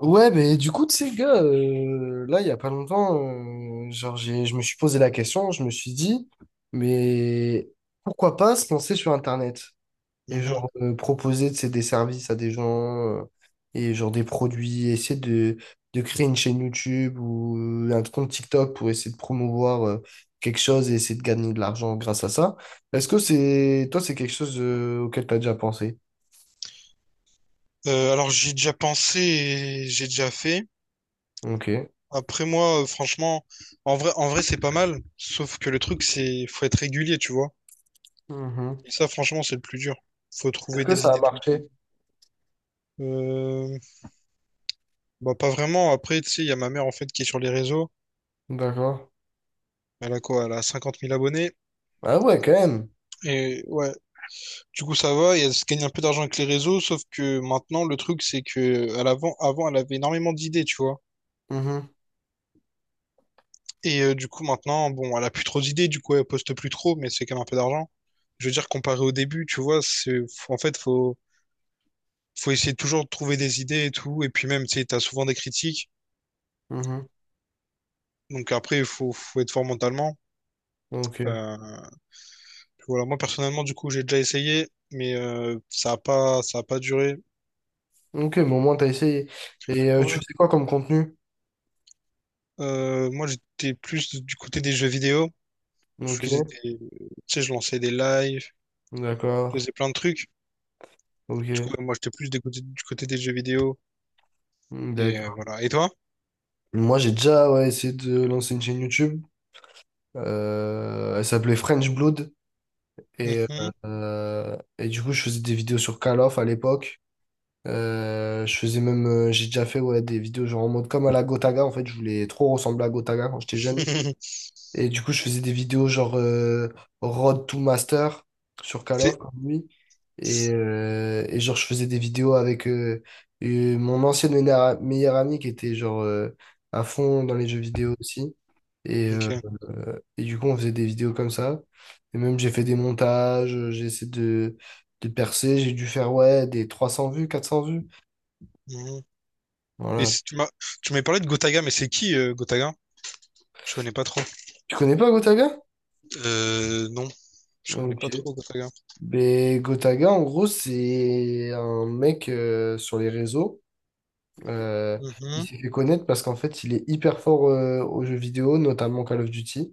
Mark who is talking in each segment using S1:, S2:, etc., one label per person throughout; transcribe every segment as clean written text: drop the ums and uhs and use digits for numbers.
S1: Ouais, mais du coup, tu sais, gars, là, il y a pas longtemps, genre, je me suis posé la question, je me suis dit, mais pourquoi pas se lancer sur Internet et
S2: Mhm.
S1: genre proposer, tu sais, des services à des gens et genre des produits, essayer de créer une chaîne YouTube ou un compte TikTok pour essayer de promouvoir quelque chose et essayer de gagner de l'argent grâce à ça. Est-ce que toi, c'est quelque chose auquel tu as déjà pensé?
S2: Alors j'ai déjà pensé et j'ai déjà fait.
S1: Ok.
S2: Après moi, franchement, en vrai c'est pas mal. Sauf que le truc, c'est faut être régulier, tu vois.
S1: Mhm.
S2: Et ça, franchement, c'est le plus dur. Faut
S1: Est-ce
S2: trouver
S1: que
S2: des
S1: ça a
S2: idées tout le temps.
S1: marché?
S2: Euh, bah pas vraiment. Après, tu sais, il y a ma mère en fait qui est sur les réseaux.
S1: D'accord.
S2: Elle a quoi? Elle a 50 000 abonnés.
S1: Ah ouais, quand même.
S2: Et ouais, du coup ça va. Et elle se gagne un peu d'argent avec les réseaux. Sauf que maintenant, le truc, c'est que à l'avant, avant, elle avait énormément d'idées, tu vois.
S1: Mhm,
S2: Et du coup, maintenant, bon, elle a plus trop d'idées, du coup, elle poste plus trop, mais c'est quand même un peu d'argent. Je veux dire, comparé au début, tu vois, c'est, en fait, faut essayer toujours de trouver des idées et tout. Et puis même, tu sais, t'as souvent des critiques.
S1: mhm.
S2: Donc après, faut être fort mentalement.
S1: Ok.
S2: Euh, voilà, moi, personnellement, du coup, j'ai déjà essayé, mais ça a pas duré.
S1: Ok, mais au moins t'as essayé. Et tu
S2: Ouais.
S1: fais quoi comme contenu?
S2: Moi, j'étais plus du côté des jeux vidéo.
S1: Ok.
S2: Tu sais, je lançais des lives,
S1: D'accord.
S2: je faisais plein de trucs. Du coup,
S1: Ok.
S2: moi, j'étais du côté des jeux vidéo. Et
S1: D'accord.
S2: voilà. Et toi?
S1: Moi j'ai déjà, ouais, essayé de lancer une chaîne YouTube. Elle s'appelait French Blood. Et,
S2: Mhm.
S1: et du coup je faisais des vidéos sur Call of à l'époque. Je faisais même, j'ai déjà fait, ouais, des vidéos genre en mode comme à la Gotaga. En fait, je voulais trop ressembler à Gotaga quand j'étais jeune. Et du coup, je faisais des vidéos genre Road to Master sur Call of,
S2: C'est
S1: comme lui. Et genre, je faisais des vidéos avec mon ancien meilleur ami qui était genre à fond dans les jeux vidéo aussi. Et, euh,
S2: OK.
S1: et du coup, on faisait des vidéos comme ça. Et même, j'ai fait des montages, j'ai essayé de percer. J'ai dû faire, ouais, des 300 vues, 400 vues.
S2: Mhm. Et
S1: Voilà.
S2: si tu m'as tu m'avais parlé de Gotaga, mais c'est qui, Gotaga? Je connais pas trop.
S1: Tu connais pas Gotaga?
S2: Euh, non, je connais pas
S1: Ok.
S2: trop Gotaga.
S1: Ben, Gotaga, en gros, c'est un mec sur les réseaux. Euh,
S2: Mhm.
S1: il
S2: Mhm.
S1: s'est fait connaître parce qu'en fait, il est hyper fort aux jeux vidéo, notamment Call of Duty.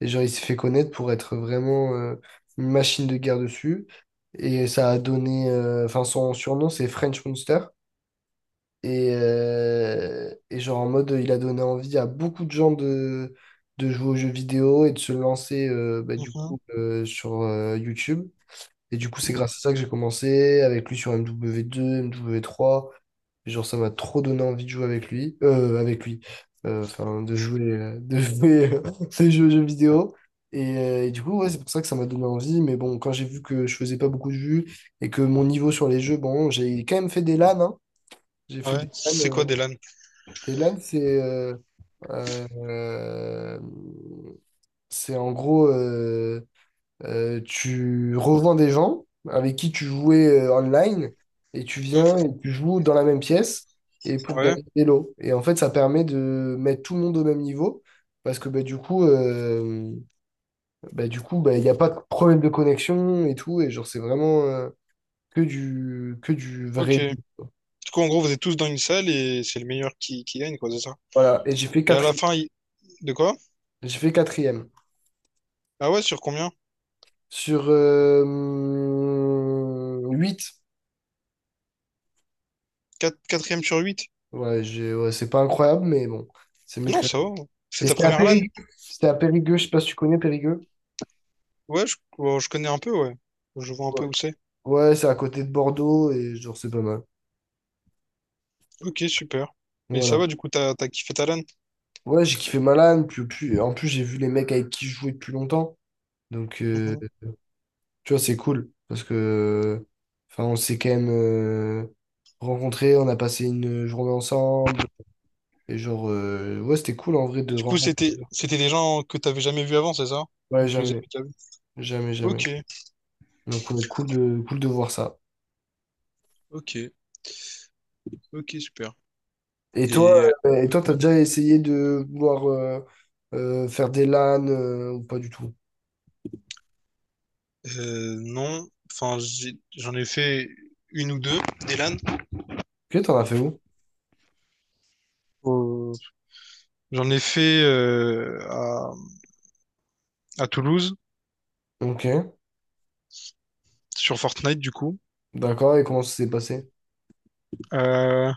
S1: Et genre, il s'est fait connaître pour être vraiment une machine de guerre dessus. Et ça a donné. Enfin, son surnom, c'est French Monster. Et genre, en mode, il a donné envie à beaucoup de gens de jouer aux jeux vidéo et de se lancer bah, du coup sur YouTube. Et du coup, c'est grâce à ça que j'ai commencé avec lui sur MW2, MW3. Genre, ça m'a trop donné envie de jouer avec lui. Enfin, de jouer, de jouer ces jeux vidéo. Et du coup, ouais, c'est pour ça que ça m'a donné envie. Mais bon, quand j'ai vu que je faisais pas beaucoup de vues et que mon niveau sur les jeux, bon, j'ai quand même fait des LAN, hein. J'ai fait
S2: Ouais,
S1: des LAN.
S2: c'est quoi des LAN?
S1: Des LAN, euh, c'est en gros. Tu revends des gens avec qui tu jouais online et tu viens
S2: Mmh.
S1: et tu joues dans la même pièce et pour
S2: Ouais,
S1: gagner des lots. Et en fait, ça permet de mettre tout le monde au même niveau parce que bah, du coup, bah, il n'y a pas de problème de connexion et tout. Et genre, c'est vraiment que du vrai
S2: OK.
S1: jeu,
S2: Du
S1: quoi.
S2: coup, en gros, vous êtes tous dans une salle et c'est le meilleur qui gagne, quoi, c'est ça?
S1: Voilà. Et j'ai fait
S2: Et à la
S1: quatrième.
S2: fin, il de quoi?
S1: J'ai fait quatrième.
S2: Ah ouais, sur combien?
S1: Sur huit.
S2: Quatre, quatrième sur huit.
S1: Ouais, ouais, c'est pas incroyable, mais bon, c'est mieux
S2: Non,
S1: que...
S2: ça va. C'est
S1: Et
S2: ta
S1: c'était à
S2: première re LAN?
S1: Périgueux. C'était à Périgueux, je sais pas si tu connais Périgueux.
S2: Ouais, je connais un peu, ouais. Je vois un
S1: Ouais,
S2: peu où c'est.
S1: ouais, c'est à côté de Bordeaux et genre c'est pas mal.
S2: OK, super. Et ça va,
S1: Voilà.
S2: du coup, t'as t'as tu as kiffé ta LAN?
S1: Ouais, j'ai kiffé Malan, en plus j'ai vu les mecs avec qui je jouais depuis longtemps. Donc
S2: Mhm.
S1: tu vois, c'est cool parce que enfin on s'est quand même rencontrés, on a passé une journée ensemble et genre ouais, c'était cool en vrai
S2: Et
S1: de
S2: du coup,
S1: rencontrer.
S2: c'était des gens que t'avais jamais vus avant, c'est ça?
S1: Ouais,
S2: Ou tu les avais
S1: jamais,
S2: déjà vus?
S1: jamais, jamais.
S2: Ok,
S1: Donc ouais, cool de voir ça.
S2: ok, ok, super.
S1: Et toi,
S2: Et
S1: et toi, t'as déjà essayé de vouloir faire des LAN ou pas du tout?
S2: non, enfin, j'en ai fait une ou deux, des LAN.
S1: Ok, t'en as fait où?
S2: Au- J'en ai fait à Toulouse,
S1: Ok,
S2: sur Fortnite, du coup.
S1: d'accord, et comment ça s'est passé?
S2: Euh,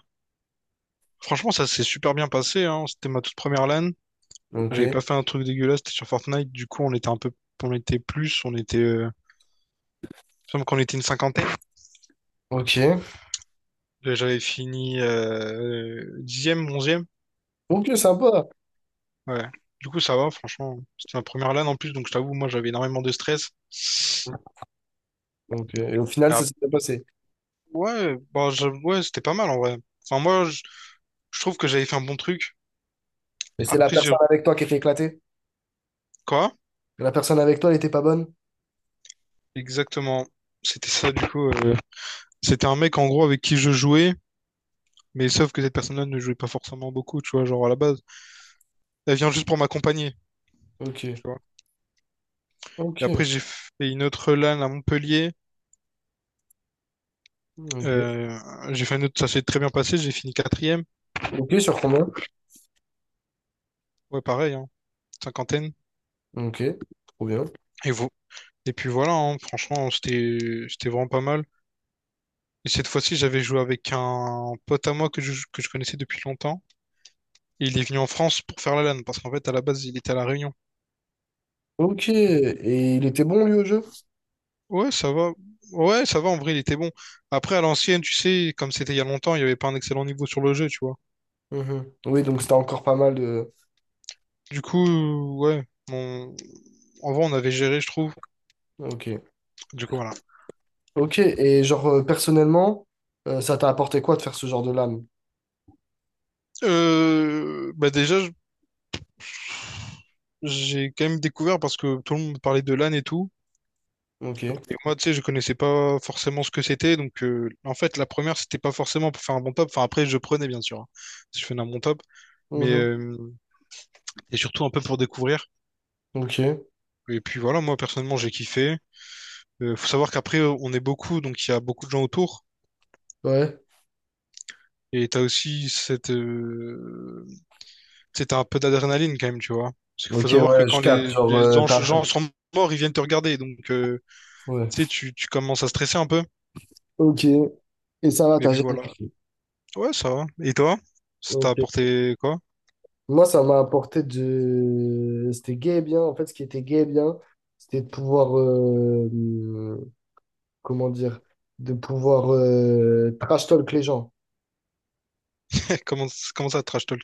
S2: franchement, ça s'est super bien passé, hein. C'était ma toute première LAN.
S1: Ok,
S2: J'avais pas fait un truc dégueulasse, c'était sur Fortnite. Du coup, on était, il me semble qu'on était une cinquantaine.
S1: ok,
S2: Là, j'avais fini dixième, onzième.
S1: ok, sympa.
S2: Ouais. Du coup, ça va, franchement. C'était ma première LAN en plus, donc je t'avoue, moi, j'avais énormément de stress.
S1: Ok, et au final,
S2: Ah,
S1: ça s'est bien passé.
S2: ouais, bah, ouais, c'était pas mal en vrai. Enfin, je trouve que j'avais fait un bon truc.
S1: Et c'est la
S2: Après, j'ai...
S1: personne avec toi qui était éclatée?
S2: Quoi?
S1: La personne avec toi, elle était pas bonne?
S2: Exactement. C'était ça, du coup. C'était un mec, en gros, avec qui je jouais, mais sauf que cette personne-là ne jouait pas forcément beaucoup, tu vois, genre à la base. Elle vient juste pour m'accompagner, tu
S1: Ok,
S2: vois. Et
S1: ok,
S2: après, j'ai fait une autre LAN à Montpellier.
S1: ok.
S2: Euh, j'ai fait un autre, ça s'est très bien passé, j'ai fini quatrième.
S1: Ok, sur combien?
S2: Ouais, pareil, hein, cinquantaine.
S1: Ok, trop bien.
S2: Et, vo- et puis voilà, hein, franchement, c'était vraiment pas mal. Et cette fois-ci, j'avais joué avec un pote à moi que je connaissais depuis longtemps. Et il est venu en France pour faire la LAN, parce qu'en fait, à la base, il était à La Réunion.
S1: Ok, et il était bon lui au jeu?
S2: Ouais, ça va. Ouais, ça va, en vrai, il était bon. Après, à l'ancienne, tu sais, comme c'était il y a longtemps, il n'y avait pas un excellent niveau sur le jeu, tu vois.
S1: Mhm. Oui, donc c'était encore pas mal de...
S2: Du coup, ouais, on- en vrai, on avait géré, je trouve.
S1: Ok.
S2: Du coup, voilà.
S1: Ok, et genre personnellement, ça t'a apporté quoi de faire ce genre de lame?
S2: Bah déjà, j'ai quand même découvert parce que tout le monde parlait de LAN et tout.
S1: Ok.
S2: Et moi, tu sais, je connaissais pas forcément ce que c'était. Donc, en fait, la première, c'était pas forcément pour faire un bon top. Enfin, après, je prenais, bien sûr, hein, si je faisais un bon top. Mais,
S1: Mhm.
S2: et surtout un peu pour découvrir.
S1: Ok.
S2: Et puis voilà, moi, personnellement, j'ai kiffé. Faut savoir qu'après, on est beaucoup, donc il y a beaucoup de gens autour.
S1: Ouais.
S2: Et t'as aussi cette, tu sais, t'as un peu d'adrénaline quand même, tu vois. Parce qu'il faut
S1: Ok,
S2: savoir que
S1: ouais, je
S2: quand
S1: capte. Genre,
S2: les gens
S1: t'as...
S2: gens sont morts, ils viennent te regarder. Donc,
S1: Ouais.
S2: tu sais, tu commences à stresser un peu.
S1: Ok. Et ça va,
S2: Et
S1: t'as
S2: puis
S1: jamais
S2: voilà.
S1: kiffé.
S2: Ouais, ça va. Et toi? Ça t'a
S1: Ok.
S2: apporté quoi?
S1: Moi, ça m'a apporté de... C'était gay et bien. En fait, ce qui était gay et bien, c'était de pouvoir... Comment dire? De pouvoir trash talk les gens.
S2: Comment, comment ça, trash talk?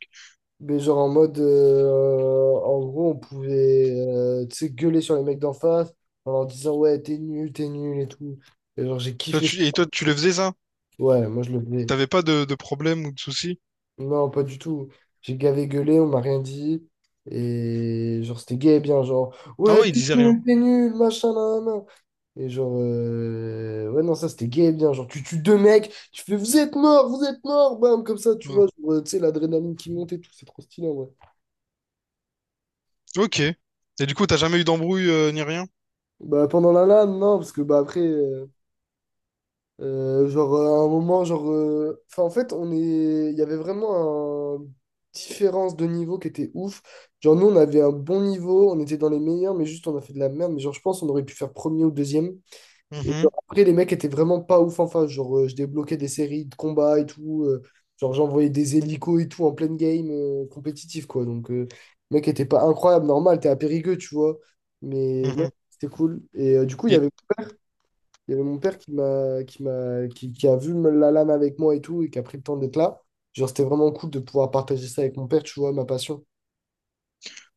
S1: Mais genre en mode, en gros, on pouvait tu sais, gueuler sur les mecs d'en face en leur disant ouais, t'es nul et tout. Et genre, j'ai kiffé ça.
S2: Et toi, tu le faisais ça?
S1: Ouais, moi je le faisais.
S2: T'avais pas de problème ou de soucis?
S1: Non, pas du tout. J'ai gavé gueulé, on m'a rien dit. Et genre, c'était gay et bien, genre
S2: Ah
S1: ouais,
S2: ouais, il disait rien.
S1: t'es nul, machin, nan, nan, nan. Et genre, ouais, non, ça c'était gay et bien. Genre, tu tues deux mecs, tu fais vous êtes morts, bam, comme ça, tu
S2: Ouais.
S1: vois, genre, tu sais, l'adrénaline qui monte et tout, c'est trop stylé, ouais.
S2: Ok. Et du coup, t'as jamais eu d'embrouille ni rien?
S1: Bah, pendant la LAN, non, parce que bah, après, genre, à un moment, genre, enfin, en fait, on est... il y avait vraiment une différence de niveau qui était ouf. Genre, nous, on avait un bon niveau, on était dans les meilleurs, mais juste, on a fait de la merde. Mais genre, je pense on aurait pu faire premier ou deuxième. Et
S2: Mhm,
S1: genre, après, les mecs étaient vraiment pas ouf en face. Genre, je débloquais des séries de combats et tout. Genre, j'envoyais des hélicos et tout en pleine game compétitif, quoi. Donc, le mec était pas incroyable, normal, t'es à Périgueux, tu vois. Mais
S2: mhm.
S1: non, c'était cool. Et du coup, il y
S2: Et
S1: avait il y avait mon père qui m'a, qui a vu la lame avec moi et tout, et qui a pris le temps d'être là. Genre, c'était vraiment cool de pouvoir partager ça avec mon père, tu vois, ma passion.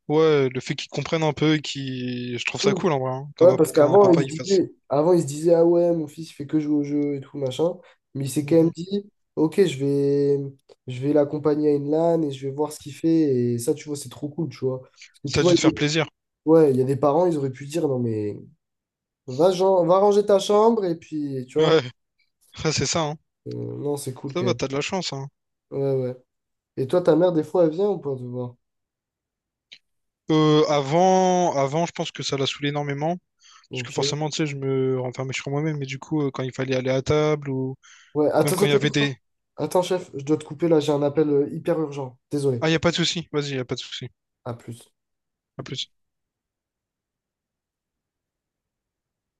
S2: ouais, le fait qu'ils comprennent un peu et qu'ils... Je trouve ça
S1: Mm.
S2: cool en vrai, hein,
S1: Ouais, parce
S2: qu'un
S1: qu'avant,
S2: papa il fasse ça.
S1: il se disait, ah ouais, mon fils, il fait que jouer au jeu et tout, machin. Mais il s'est quand même
S2: Mhm.
S1: dit, ok, je vais l'accompagner à une LAN et je vais voir ce qu'il fait. Et ça, tu vois, c'est trop cool, tu vois. Parce que
S2: Ça
S1: tu
S2: a
S1: vois,
S2: dû te
S1: il y
S2: faire
S1: a,
S2: plaisir.
S1: ouais, il y a des parents, ils auraient pu dire, non, mais va, va ranger ta chambre et puis, tu vois.
S2: Ouais, ouais, c'est ça, hein.
S1: Euh, non, c'est cool
S2: Ça
S1: quand
S2: va,
S1: même.
S2: t'as de la chance, hein.
S1: Ouais, ouais. Et toi, ta mère, des fois, elle vient ou pas te voir?
S2: Avant, je pense que ça l'a saoulé énormément. Parce que
S1: Ok.
S2: forcément, tu sais, je me renfermais sur moi-même, mais du coup, quand il fallait aller à table ou
S1: Ouais,
S2: même
S1: attends,
S2: quand
S1: attends,
S2: il y
S1: attends,
S2: avait
S1: attends.
S2: des...
S1: Attends, chef, je dois te couper là, j'ai un appel hyper urgent.
S2: Ah,
S1: Désolé.
S2: il n'y a pas de souci, vas-y, il n'y a pas de souci.
S1: À plus.
S2: À plus.